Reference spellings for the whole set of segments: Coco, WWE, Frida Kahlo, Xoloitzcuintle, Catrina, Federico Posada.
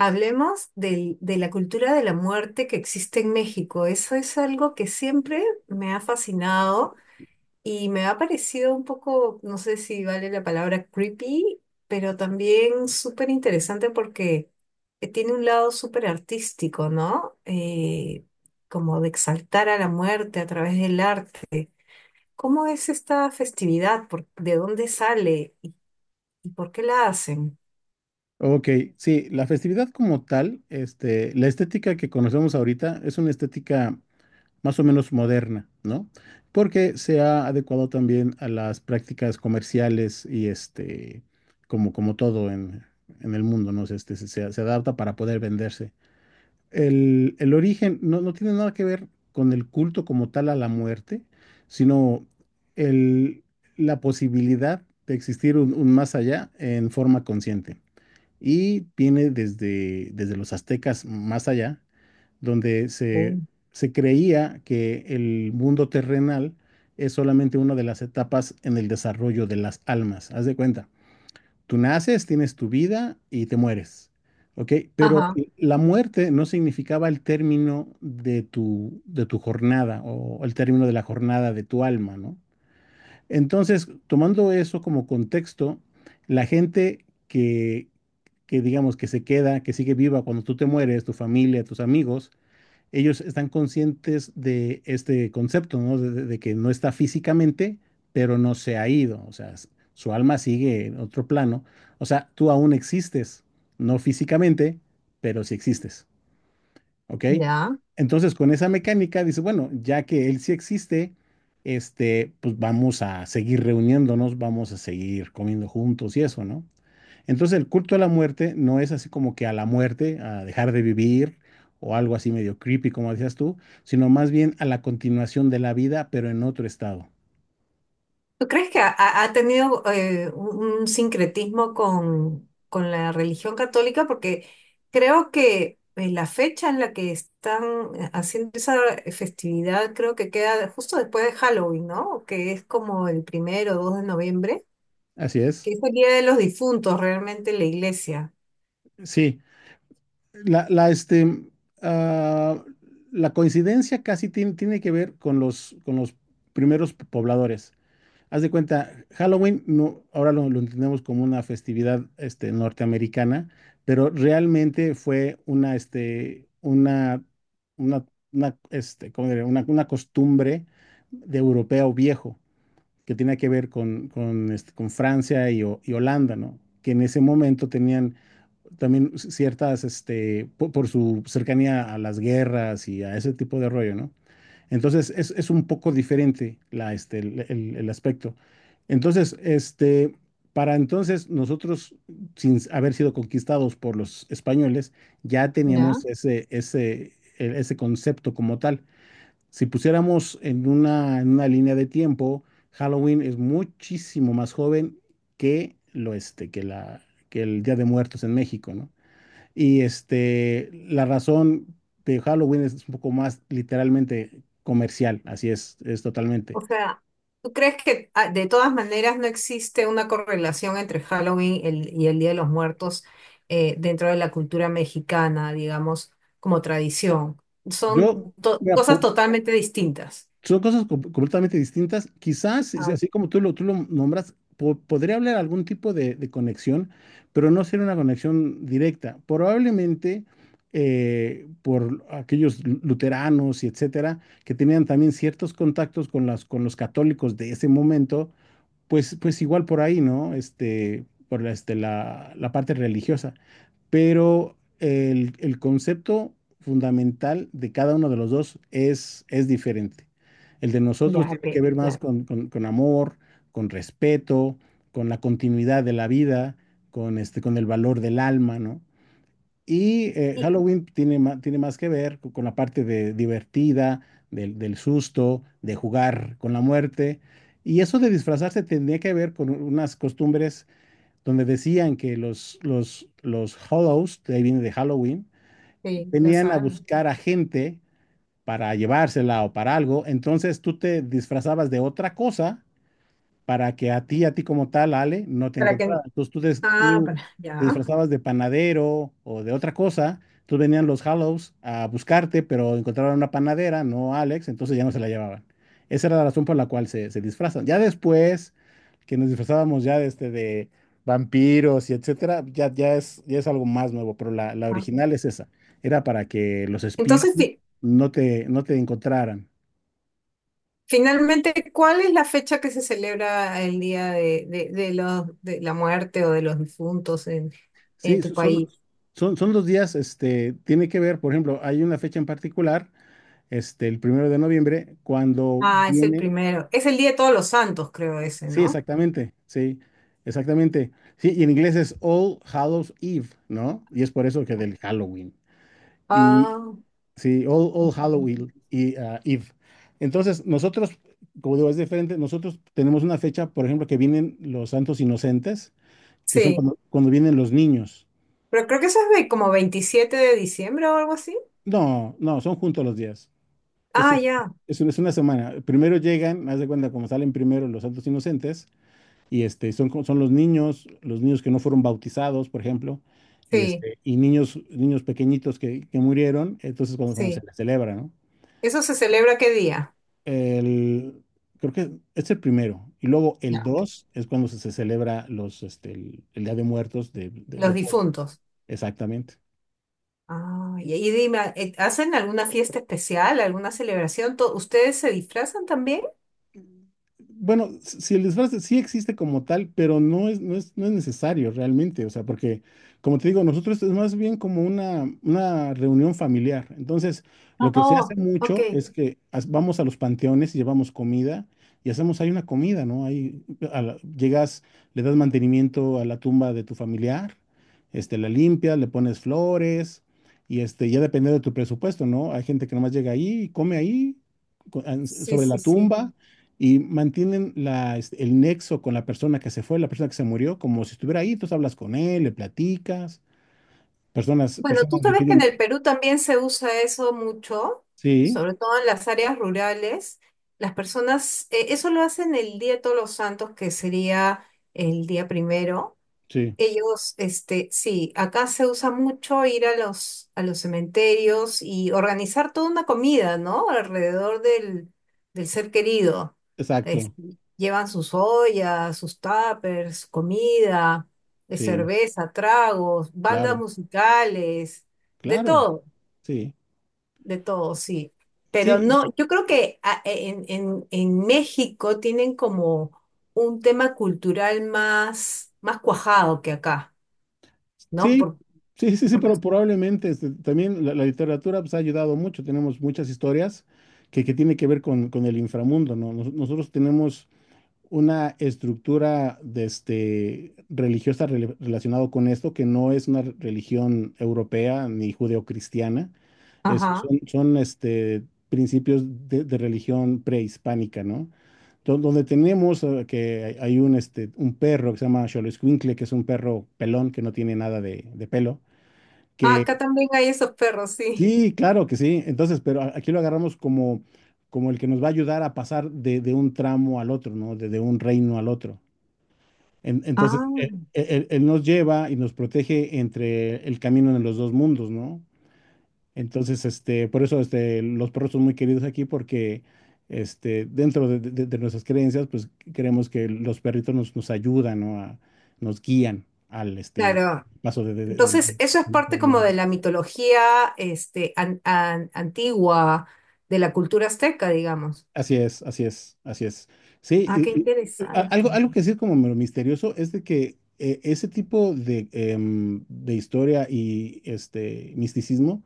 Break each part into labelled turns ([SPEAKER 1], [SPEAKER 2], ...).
[SPEAKER 1] Hablemos de la cultura de la muerte que existe en México. Eso es algo que siempre me ha fascinado y me ha parecido un poco, no sé si vale la palabra creepy, pero también súper interesante porque tiene un lado súper artístico, ¿no? Como de exaltar a la muerte a través del arte. ¿Cómo es esta festividad? ¿De dónde sale y por qué la hacen?
[SPEAKER 2] Ok, sí, la festividad como tal, la estética que conocemos ahorita es una estética más o menos moderna, ¿no? Porque se ha adecuado también a las prácticas comerciales y como todo en el mundo, ¿no? Se adapta para poder venderse. El origen no tiene nada que ver con el culto como tal a la muerte, sino el, la posibilidad de existir un más allá en forma consciente y viene desde los aztecas más allá, donde se,
[SPEAKER 1] Oh.
[SPEAKER 2] se creía que el mundo terrenal es solamente una de las etapas en el desarrollo de las almas. Haz de cuenta, tú naces, tienes tu vida y te mueres, ¿ok? Pero
[SPEAKER 1] Ajá,
[SPEAKER 2] la muerte no significaba el término de tu jornada o el término de la jornada de tu alma, ¿no? Entonces, tomando eso como contexto, la gente que digamos que se queda, que sigue viva cuando tú te mueres, tu familia, tus amigos, ellos están conscientes de este concepto, ¿no? De que no está físicamente, pero no se ha ido, o sea, su alma sigue en otro plano, o sea, tú aún existes, no físicamente, pero sí existes. ¿Ok?
[SPEAKER 1] ya.
[SPEAKER 2] Entonces, con esa mecánica, dice, bueno, ya que él sí existe, pues vamos a seguir reuniéndonos, vamos a seguir comiendo juntos y eso, ¿no? Entonces, el culto a la muerte no es así como que a la muerte, a dejar de vivir o algo así medio creepy, como decías tú, sino más bien a la continuación de la vida, pero en otro estado.
[SPEAKER 1] ¿Tú crees que ha tenido un sincretismo con la religión católica? Porque creo que la fecha en la que están haciendo esa festividad creo que queda justo después de Halloween, ¿no? Que es como el primero o 2 de noviembre,
[SPEAKER 2] Así
[SPEAKER 1] que
[SPEAKER 2] es.
[SPEAKER 1] es el Día de los Difuntos realmente en la iglesia.
[SPEAKER 2] Sí. La, la, este, ah, la coincidencia casi tiene que ver con con los primeros pobladores. Haz de cuenta, Halloween no, ahora lo entendemos como una festividad norteamericana, pero realmente fue una, este, una, una, una, este, ¿cómo diré? Una costumbre de europeo viejo que tenía que ver con Francia y Holanda, ¿no? Que en ese momento tenían también ciertas, por su cercanía a las guerras y a ese tipo de rollo, ¿no? Entonces es un poco diferente la, este, el aspecto. Entonces, para entonces nosotros, sin haber sido conquistados por los españoles, ya
[SPEAKER 1] ¿Ya?
[SPEAKER 2] teníamos ese concepto como tal. Si pusiéramos en una línea de tiempo, Halloween es muchísimo más joven que lo este, que la, que el Día de Muertos en México, ¿no? Y la razón de Halloween es un poco más literalmente comercial, así es totalmente.
[SPEAKER 1] O sea, ¿tú crees que de todas maneras no existe una correlación entre Halloween y el Día de los Muertos dentro de la cultura mexicana, digamos, como tradición?
[SPEAKER 2] Yo,
[SPEAKER 1] Son
[SPEAKER 2] mira,
[SPEAKER 1] cosas totalmente distintas.
[SPEAKER 2] son cosas completamente distintas. Quizás, si
[SPEAKER 1] Ah,
[SPEAKER 2] así como tú lo nombras, podría haber algún tipo de conexión, pero no ser una conexión directa. Probablemente por aquellos luteranos y etcétera, que tenían también ciertos contactos con los católicos de ese momento pues igual por ahí, ¿no? Por la parte religiosa. Pero el concepto fundamental de cada uno de los dos es diferente. El de nosotros
[SPEAKER 1] ya, ok,
[SPEAKER 2] tiene que ver más
[SPEAKER 1] claro.
[SPEAKER 2] con amor, con respeto, con la continuidad de la vida, con el valor del alma, ¿no? Y
[SPEAKER 1] Y-
[SPEAKER 2] Halloween tiene más que ver con la parte de divertida, del susto, de jugar con la muerte. Y eso de disfrazarse tenía que ver con unas costumbres donde decían que los Hollows, de ahí viene de Halloween,
[SPEAKER 1] sí, lo
[SPEAKER 2] venían a
[SPEAKER 1] sabemos.
[SPEAKER 2] buscar a gente para llevársela o para algo. Entonces tú te disfrazabas de otra cosa para que a ti como tal, Ale, no te
[SPEAKER 1] Para que...
[SPEAKER 2] encontraran. Entonces tú, des-
[SPEAKER 1] Ah,
[SPEAKER 2] tú
[SPEAKER 1] para,
[SPEAKER 2] te
[SPEAKER 1] ya.
[SPEAKER 2] disfrazabas de panadero o de otra cosa. Tú venían los Hallows a buscarte, pero encontraron una panadera, no a Alex, entonces ya no se la llevaban. Esa era la razón por la cual se disfrazan. Ya después que nos disfrazábamos de vampiros y etcétera, ya es algo más nuevo, pero la
[SPEAKER 1] Ah.
[SPEAKER 2] original es esa. Era para que los
[SPEAKER 1] Entonces,
[SPEAKER 2] espíritus
[SPEAKER 1] fi-
[SPEAKER 2] no te encontraran.
[SPEAKER 1] finalmente, ¿cuál es la fecha que se celebra el Día de la muerte o de los difuntos en
[SPEAKER 2] Sí,
[SPEAKER 1] tu
[SPEAKER 2] so- son,
[SPEAKER 1] país?
[SPEAKER 2] son, son los días, tiene que ver, por ejemplo, hay una fecha en particular, el 1 de noviembre, cuando
[SPEAKER 1] Ah, es el
[SPEAKER 2] viene,
[SPEAKER 1] primero. Es el Día de Todos los Santos, creo ese,
[SPEAKER 2] sí,
[SPEAKER 1] ¿no?
[SPEAKER 2] exactamente, sí, exactamente, sí, y en inglés es All Hallows Eve, ¿no? Y es por eso que del Halloween, y
[SPEAKER 1] Ah, ok.
[SPEAKER 2] sí, All Halloween y, Eve. Entonces, nosotros, como digo, es diferente, nosotros tenemos una fecha, por ejemplo, que vienen los santos inocentes, que son
[SPEAKER 1] Sí.
[SPEAKER 2] cuando vienen los niños.
[SPEAKER 1] Pero creo que eso es como 27 de diciembre o algo así.
[SPEAKER 2] No, no, son juntos los días. Es,
[SPEAKER 1] Ah, ya.
[SPEAKER 2] una es una semana. Primero llegan, haz de cuenta, como salen primero los santos inocentes, y son los niños que no fueron bautizados, por ejemplo, y,
[SPEAKER 1] Sí,
[SPEAKER 2] y niños pequeñitos que murieron, entonces cuando se
[SPEAKER 1] sí.
[SPEAKER 2] les celebra, ¿no?
[SPEAKER 1] ¿Eso se celebra qué día?
[SPEAKER 2] El, Creo que es el 1, y luego el
[SPEAKER 1] Ya, ok.
[SPEAKER 2] dos es cuando se celebra el Día de Muertos de
[SPEAKER 1] Los
[SPEAKER 2] todo.
[SPEAKER 1] difuntos.
[SPEAKER 2] Exactamente.
[SPEAKER 1] Ah, y ahí dime, ¿hacen alguna fiesta especial, alguna celebración? ¿Ustedes se disfrazan también?
[SPEAKER 2] Bueno, si el disfraz sí existe como tal, pero no es necesario realmente, o sea, porque, como te digo, nosotros es más bien como una reunión familiar. Entonces, lo que se hace
[SPEAKER 1] Oh, ok.
[SPEAKER 2] mucho es que vamos a los panteones y llevamos comida y hacemos ahí una comida, ¿no? Ahí llegas, le das mantenimiento a la tumba de tu familiar, la limpias, le pones flores y ya depende de tu presupuesto, ¿no? Hay gente que nomás llega ahí y come ahí
[SPEAKER 1] Sí,
[SPEAKER 2] sobre la
[SPEAKER 1] sí, sí.
[SPEAKER 2] tumba y mantienen el nexo con la persona que se fue, la persona que se murió, como si estuviera ahí, tú hablas con él, le platicas, personas,
[SPEAKER 1] Bueno, tú
[SPEAKER 2] personas le
[SPEAKER 1] sabes que en
[SPEAKER 2] piden,
[SPEAKER 1] el Perú también se usa eso mucho,
[SPEAKER 2] sí,
[SPEAKER 1] sobre todo en las áreas rurales. Las personas, eso lo hacen el Día de Todos los Santos, que sería el día primero.
[SPEAKER 2] sí,
[SPEAKER 1] Ellos, este, sí, acá se usa mucho ir a a los cementerios y organizar toda una comida, ¿no? Alrededor del ser querido.
[SPEAKER 2] exacto,
[SPEAKER 1] Este, llevan sus ollas, sus tuppers, comida,
[SPEAKER 2] sí,
[SPEAKER 1] cerveza, tragos, bandas
[SPEAKER 2] claro,
[SPEAKER 1] musicales, de
[SPEAKER 2] claro,
[SPEAKER 1] todo,
[SPEAKER 2] sí,
[SPEAKER 1] de todo, sí. Pero
[SPEAKER 2] sí,
[SPEAKER 1] no, yo creo que en México tienen como un tema cultural más cuajado que acá. ¿No?
[SPEAKER 2] sí, sí, sí, sí,
[SPEAKER 1] Porque,
[SPEAKER 2] pero probablemente también la literatura pues, ha ayudado mucho, tenemos muchas historias que tienen que ver con el inframundo, ¿no? Nosotros tenemos una estructura de religiosa relacionado con esto, que no es una religión europea ni judeocristiana. Es-
[SPEAKER 1] ajá.
[SPEAKER 2] son, son, este, principios de religión prehispánica, ¿no? Donde tenemos que hay un perro que se llama Xoloitzcuintle, que es un perro pelón que no tiene nada de pelo,
[SPEAKER 1] Ah, acá
[SPEAKER 2] que
[SPEAKER 1] también hay esos perros, sí.
[SPEAKER 2] sí, claro que sí. Entonces, pero aquí lo agarramos como el que nos va a ayudar a pasar de un tramo al otro, ¿no? De un reino al otro. En- entonces,
[SPEAKER 1] Ah,
[SPEAKER 2] él, él- él nos lleva y nos protege entre el camino de los dos mundos, ¿no? Entonces, por eso los perros son muy queridos aquí porque dentro de nuestras creencias, pues creemos que los perritos nos ayudan, ¿no? Nos guían al
[SPEAKER 1] claro.
[SPEAKER 2] paso de, de- de- del
[SPEAKER 1] Entonces,
[SPEAKER 2] del
[SPEAKER 1] eso es parte como
[SPEAKER 2] inframundo.
[SPEAKER 1] de la mitología, antigua, de la cultura azteca, digamos.
[SPEAKER 2] Así es, así es, así es. Sí,
[SPEAKER 1] Ah, qué
[SPEAKER 2] y- y, a- algo,
[SPEAKER 1] interesante.
[SPEAKER 2] algo que sí es como medio misterioso es de que ese tipo de historia y este misticismo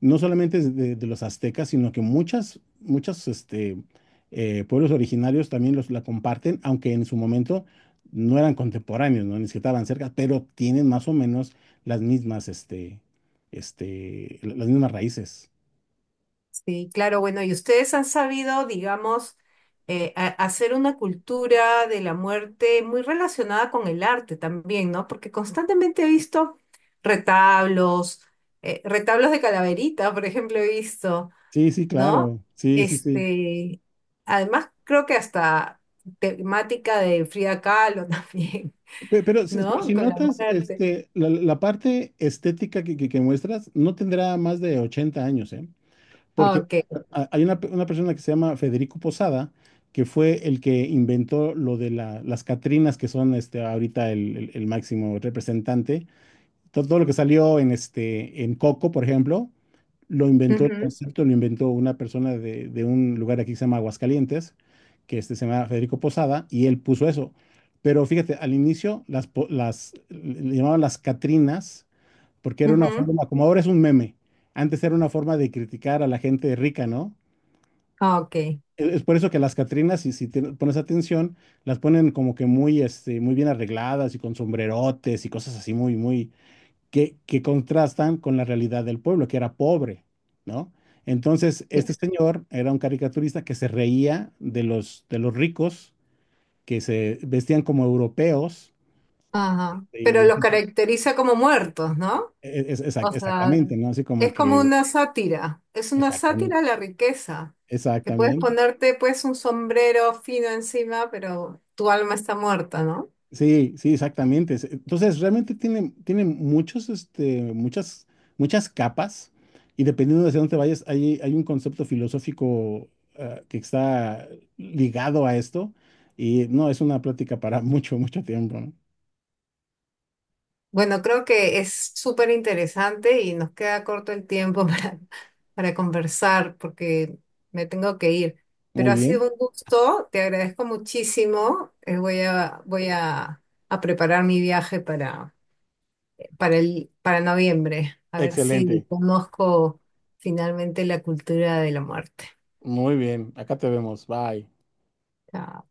[SPEAKER 2] no solamente es de los aztecas, sino que muchas pueblos originarios también la comparten, aunque en su momento no eran contemporáneos, ¿no? Ni siquiera estaban cerca, pero tienen más o menos las mismas, este, las mismas raíces.
[SPEAKER 1] Sí, claro, bueno, y ustedes han sabido, digamos, hacer una cultura de la muerte muy relacionada con el arte también, ¿no? Porque constantemente he visto retablos, retablos de calaverita, por ejemplo, he visto.
[SPEAKER 2] Sí, sí,
[SPEAKER 1] ¿No?
[SPEAKER 2] claro. Sí, sí, sí.
[SPEAKER 1] Este, además creo que hasta temática de Frida Kahlo también,
[SPEAKER 2] Pe- pero
[SPEAKER 1] ¿no?
[SPEAKER 2] si No,
[SPEAKER 1] Con la
[SPEAKER 2] notas,
[SPEAKER 1] muerte.
[SPEAKER 2] la parte estética que muestras no tendrá más de 80 años, ¿eh? Porque
[SPEAKER 1] Ok.
[SPEAKER 2] hay una persona que se llama Federico Posada, que fue el que inventó lo de las Catrinas, que son ahorita el máximo representante, lo que salió en Coco, por ejemplo, lo inventó el
[SPEAKER 1] Ujú,
[SPEAKER 2] concepto, lo inventó una persona de un lugar aquí que se llama Aguascalientes, que se llama Federico Posada, y él puso eso. Pero fíjate, al inicio las le llamaban las Catrinas, porque era una
[SPEAKER 1] ujú.
[SPEAKER 2] forma, como ahora es un meme, antes era una forma de criticar a la gente rica, ¿no?
[SPEAKER 1] Ok.
[SPEAKER 2] Es por eso que las Catrinas, si te pones atención, las ponen como que muy bien arregladas y con sombrerotes y cosas así muy, muy, que contrastan con la realidad del pueblo, que era pobre, ¿no? Entonces,
[SPEAKER 1] Ya,
[SPEAKER 2] este señor era un caricaturista que se reía de los ricos, que se vestían como europeos,
[SPEAKER 1] ajá. Pero los
[SPEAKER 2] y
[SPEAKER 1] caracteriza como muertos, ¿no?
[SPEAKER 2] es- es- exac-
[SPEAKER 1] O sea,
[SPEAKER 2] exactamente, ¿no? Así como
[SPEAKER 1] es como
[SPEAKER 2] que,
[SPEAKER 1] una sátira, es una sátira a
[SPEAKER 2] exactamente,
[SPEAKER 1] la riqueza. Que puedes
[SPEAKER 2] exactamente.
[SPEAKER 1] ponerte pues un sombrero fino encima, pero tu alma está muerta, ¿no?
[SPEAKER 2] Sí, sí, exactamente. Entonces, realmente tiene muchas capas y dependiendo de hacia dónde te vayas, hay un concepto filosófico que está ligado a esto y no, es una plática para mucho, mucho tiempo, ¿no?
[SPEAKER 1] Bueno, creo que es súper interesante y nos queda corto el tiempo para conversar porque me tengo que ir. Pero
[SPEAKER 2] Muy
[SPEAKER 1] ha
[SPEAKER 2] bien.
[SPEAKER 1] sido un gusto, te agradezco muchísimo. Voy a preparar mi viaje para para noviembre, a ver si
[SPEAKER 2] Excelente.
[SPEAKER 1] conozco finalmente la cultura de la muerte.
[SPEAKER 2] Muy bien. Acá te vemos. Bye.
[SPEAKER 1] Chao.